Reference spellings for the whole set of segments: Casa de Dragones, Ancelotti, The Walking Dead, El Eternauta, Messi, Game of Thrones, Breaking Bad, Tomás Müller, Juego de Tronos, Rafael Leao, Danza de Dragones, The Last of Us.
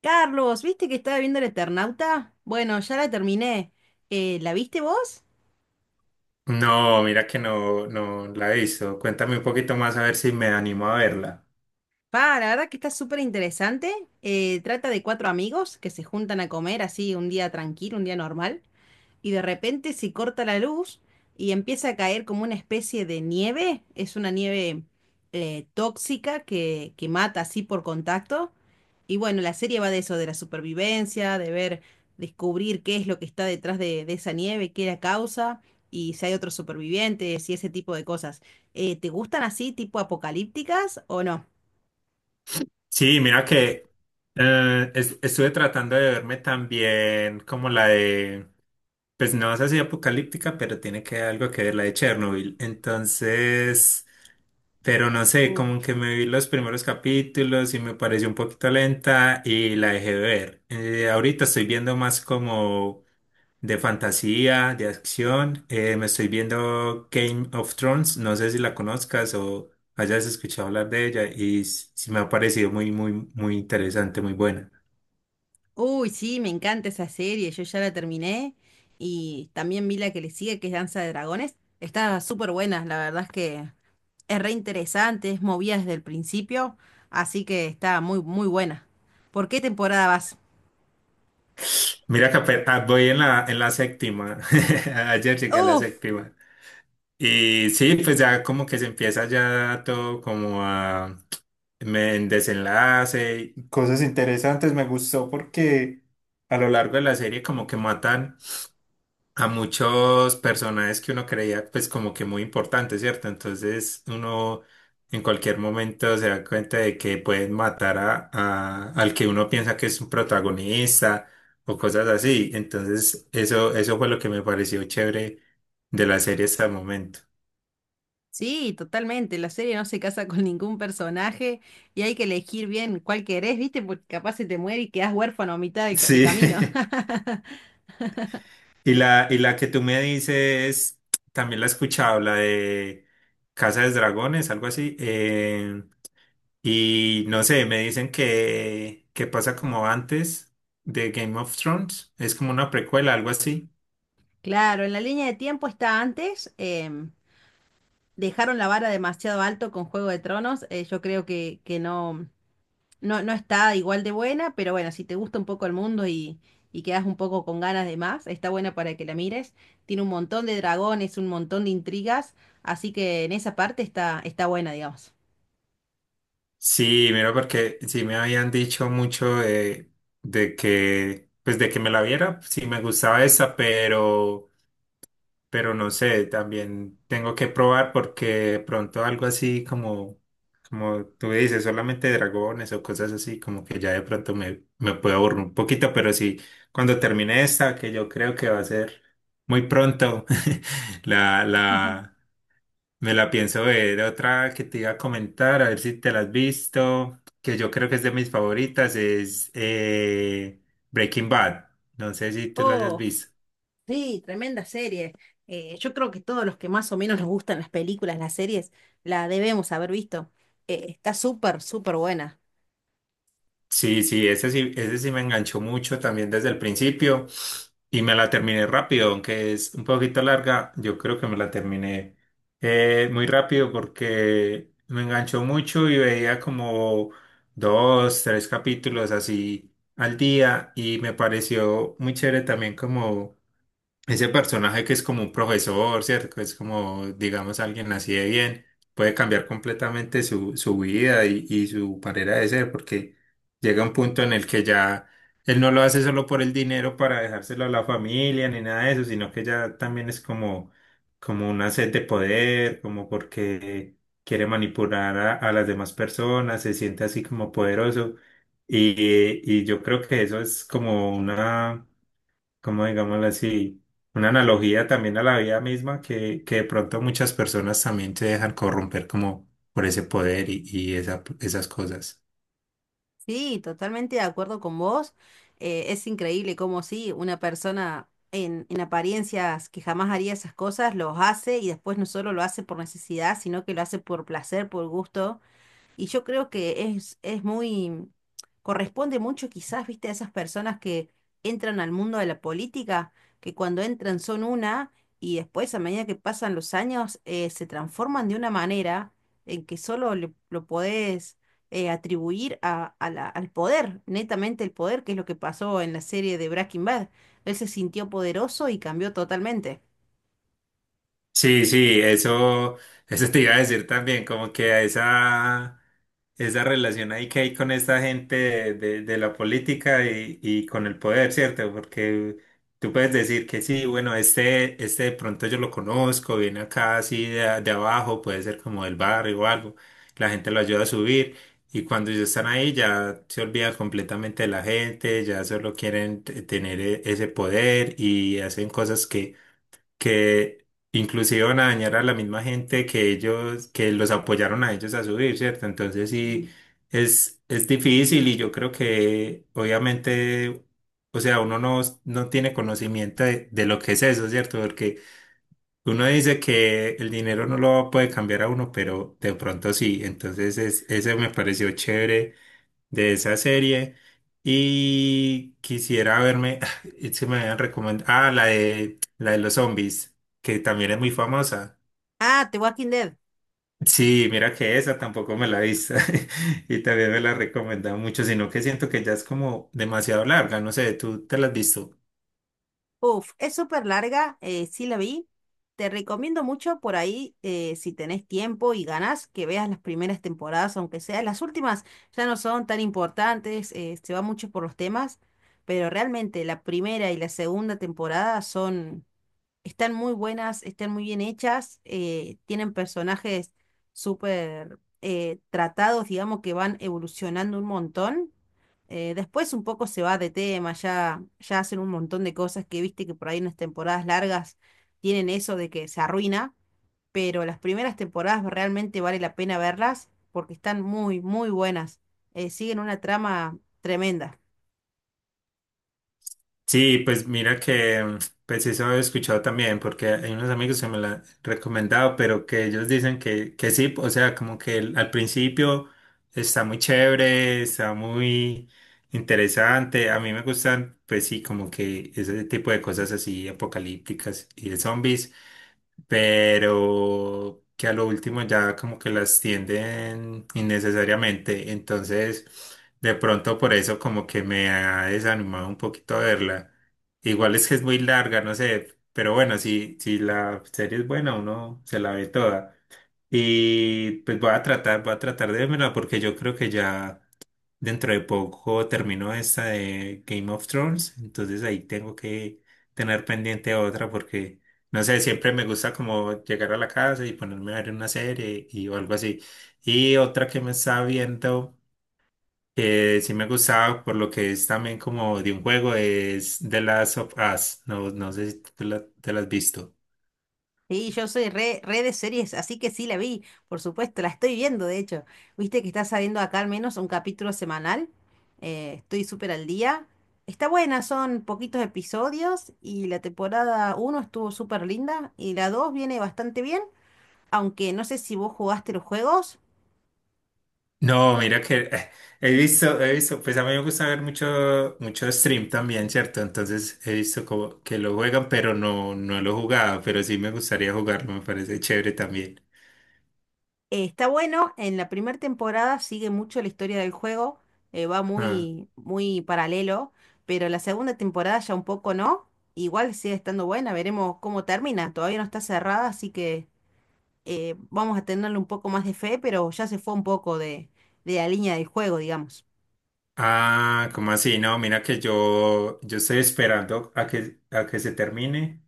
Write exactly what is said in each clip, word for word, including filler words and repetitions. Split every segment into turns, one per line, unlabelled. Carlos, ¿viste que estaba viendo El Eternauta? Bueno, ya la terminé. Eh, ¿la viste vos?
No, mira que no, no la he visto. Cuéntame un poquito más a ver si me animo a verla.
Pa, la verdad que está súper interesante. Eh, trata de cuatro amigos que se juntan a comer así un día tranquilo, un día normal. Y de repente se corta la luz y empieza a caer como una especie de nieve. Es una nieve eh, tóxica que, que mata así por contacto. Y bueno, la serie va de eso, de la supervivencia, de ver, descubrir qué es lo que está detrás de, de esa nieve, qué la causa y si hay otros supervivientes y ese tipo de cosas. Eh, ¿te gustan así, tipo apocalípticas o no?
Sí, mira que eh, es- estuve tratando de verme también como la de, pues no es así apocalíptica, pero tiene que algo que ver la de Chernobyl. Entonces, pero no sé, como que me vi los primeros capítulos y me pareció un poquito lenta y la dejé de ver. Eh, ahorita estoy viendo más como de fantasía, de acción. Eh, me estoy viendo Game of Thrones, no sé si la conozcas o hayas escuchado hablar de ella y s- sí me ha parecido muy, muy, muy interesante, muy buena.
Uy, sí, me encanta esa serie, yo ya la terminé y también vi la que le sigue, que es Danza de Dragones. Está súper buena, la verdad es que es re interesante, es movida desde el principio, así que está muy, muy buena. ¿Por qué temporada vas?
Mira que ape- ah, voy en la, en la séptima, ayer llegué a la
Uf,
séptima. Y sí, pues ya como que se empieza ya todo como a me en desenlace, cosas interesantes, me gustó porque a lo largo de la serie como que matan a muchos personajes que uno creía pues como que muy importantes, ¿cierto? Entonces uno en cualquier momento se da cuenta de que pueden matar a, a- al que uno piensa que es un protagonista o cosas así. Entonces eso, eso fue lo que me pareció chévere de la serie hasta el momento.
sí, totalmente, la serie no se casa con ningún personaje y hay que elegir bien cuál querés, ¿viste? Porque capaz se te muere y quedás huérfano a mitad de, ca- de
Sí.
camino.
Y la, y la que tú me dices, también la he escuchado, la de Casa de Dragones, algo así. eh, Y no sé, me dicen que, que pasa como antes de Game of Thrones. Es como una precuela, algo así.
Claro, en la línea de tiempo está antes, em, dejaron la vara demasiado alto con Juego de Tronos. Eh, yo creo que, que no, no, no está igual de buena, pero bueno, si te gusta un poco el mundo y, y quedas un poco con ganas de más, está buena para que la mires. Tiene un montón de dragones, un montón de intrigas, así que en esa parte está, está buena, digamos.
Sí, mira, porque sí me habían dicho mucho de, de que, pues de que me la viera, sí me gustaba esa, pero, pero no sé, también tengo que probar porque de pronto algo así como como tú dices, solamente dragones o cosas así, como que ya de pronto me, me puedo aburrir un poquito, pero sí, cuando termine esta, que yo creo que va a ser muy pronto, la, la, me la pienso ver. Otra que te iba a comentar, a ver si te la has visto, que yo creo que es de mis favoritas, es eh, Breaking Bad. No sé si tú la hayas
Oh,
visto.
sí, tremenda serie. Eh, yo creo que todos los que más o menos nos gustan las películas, las series, la debemos haber visto. Eh, está súper, súper buena.
Sí, sí, ese sí, ese sí me enganchó mucho también desde el principio y me la terminé rápido, aunque es un poquito larga, yo creo que me la terminé eh, muy rápido porque me enganchó mucho y veía como dos, tres capítulos así al día y me pareció muy chévere también como ese personaje que es como un profesor, ¿cierto? Que es como, digamos, alguien así de bien, puede cambiar completamente su, su vida y, y su manera de ser, porque llega un punto en el que ya él no lo hace solo por el dinero para dejárselo a la familia ni nada de eso, sino que ya también es como, como una sed de poder, como porque quiere manipular a, a las demás personas, se siente así como poderoso. Y, y yo creo que eso es como una, como digámoslo así, una analogía también a la vida misma que, que de pronto muchas personas también se dejan corromper como por ese poder y, y esa- esas cosas.
Sí, totalmente de acuerdo con vos. Eh, es increíble cómo sí, una persona en, en apariencias que jamás haría esas cosas, los hace y después no solo lo hace por necesidad, sino que lo hace por placer, por gusto. Y yo creo que es, es muy, corresponde mucho quizás, viste, a esas personas que entran al mundo de la política, que cuando entran son una y después a medida que pasan los años eh, se transforman de una manera en que solo le- lo podés eh, atribuir a, a la- al poder, netamente el poder, que es lo que pasó en la serie de Breaking Bad. Él se sintió poderoso y cambió totalmente.
Sí, sí, eso, eso te iba a decir también, como que a esa... esa relación ahí que hay con esta gente de, de- de la política y, y con el poder, ¿cierto? Porque tú puedes decir que sí, bueno, este, este de pronto yo lo conozco, viene acá así de, de abajo, puede ser como del barrio o algo, la gente lo ayuda a subir y cuando ellos están ahí ya se olvidan completamente de la gente, ya solo quieren t- tener e- ese poder y hacen cosas que que inclusive van a dañar a la misma gente que ellos, que los apoyaron a ellos a subir, ¿cierto? Entonces sí, es, es difícil y yo creo que obviamente, o sea, uno no, no tiene conocimiento de, de lo que es eso, ¿cierto? Porque uno dice que el dinero no lo puede cambiar a uno, pero de pronto sí, entonces es, ese me pareció chévere de esa serie y quisiera verme, se me habían recomendado, ah, la de, la de los zombies, que también es muy famosa.
Ah, The Walking Dead.
Sí, mira que esa tampoco me la he visto y también me la recomendan mucho, sino que siento que ya es como demasiado larga, no sé, ¿tú te la has visto?
Uf, es súper larga, eh, sí la vi. Te recomiendo mucho por ahí, eh, si tenés tiempo y ganas, que veas las primeras temporadas, aunque sea. Las últimas ya no son tan importantes, eh, se va mucho por los temas, pero realmente la primera y la segunda temporada son están muy buenas, están muy bien hechas, eh, tienen personajes súper eh, tratados, digamos, que van evolucionando un montón. Eh, después un poco se va de tema, ya, ya hacen un montón de cosas que viste que por ahí en las temporadas largas tienen eso de que se arruina, pero las primeras temporadas realmente vale la pena verlas porque están muy, muy buenas. Eh, siguen una trama tremenda.
Sí, pues mira que, mm, pues eso he escuchado también, porque hay unos amigos que me la han recomendado, pero que ellos dicen que, que sí, o sea, como que el- al principio está muy chévere, está muy interesante. A mí me gustan, pues sí, como que ese tipo de cosas así apocalípticas y de zombies pero que a lo último ya como que las tienden innecesariamente. Entonces, de pronto por eso como que me ha desanimado un poquito verla. Igual es que es muy larga, no sé, pero bueno, si, si la serie es buena, uno se la ve toda. Y pues voy a tratar, voy a tratar de verla porque yo creo que ya dentro de poco terminó esta de Game of Thrones, entonces ahí tengo que tener pendiente otra porque, no sé, siempre me gusta como llegar a la casa y ponerme a ver una serie y o algo así. Y otra que me estaba viendo, que sí me gustaba por lo que es también como de un juego, es The Last of Us. No, no sé si tú la- te la has visto.
Sí, yo soy re, re de series, así que sí la vi, por supuesto, la estoy viendo, de hecho. Viste que está saliendo acá al menos un capítulo semanal, eh, estoy súper al día. Está buena, son poquitos episodios y la temporada uno estuvo súper linda y la dos viene bastante bien, aunque no sé si vos jugaste los juegos.
No, mira que eh, he visto, he visto, pues a mí me gusta ver mucho, mucho stream también, ¿cierto? Entonces he visto como que lo juegan, pero no, no lo he jugado, pero sí me gustaría jugarlo, me parece chévere también.
Eh, está bueno, en la primera temporada sigue mucho la historia del juego, eh, va
Ah,
muy, muy paralelo, pero la segunda temporada ya un poco no, igual sigue estando buena, veremos cómo termina, todavía no está cerrada, así que eh, vamos a tenerle un poco más de fe, pero ya se fue un poco de, de la línea del juego, digamos.
ah, ¿cómo así? No, mira que yo, yo estoy esperando a que, a que se termine,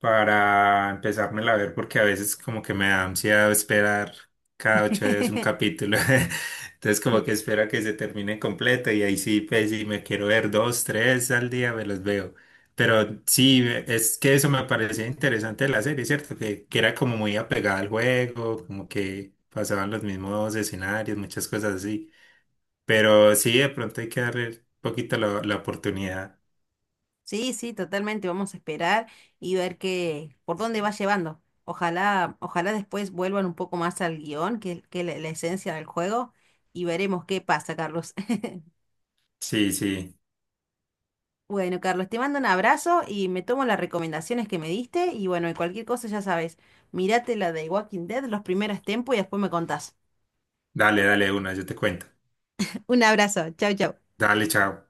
para empezármela a ver, porque a veces como que me da ansiedad esperar cada ocho días un capítulo. Entonces como que espero que se termine completo y ahí sí, pues si me quiero ver dos, tres al día, me los veo. Pero sí, es que eso me parecía interesante de la serie, ¿cierto? Que, que era como muy apegada al juego, como que pasaban los mismos escenarios, muchas cosas así. Pero sí, de pronto hay que darle un poquito la, la oportunidad.
Sí, sí, totalmente. Vamos a esperar y ver qué, por dónde va llevando. Ojalá, ojalá después vuelvan un poco más al guión, que, es- que la, la esencia del juego, y veremos qué pasa, Carlos.
Sí, sí.
Bueno, Carlos, te mando un abrazo y me tomo las recomendaciones que me diste. Y bueno, y cualquier cosa ya sabes, mirate la de Walking Dead, los primeros tiempos y después me contás.
Dale, dale una, yo te cuento.
Un abrazo, chau, chau.
Dale, chao.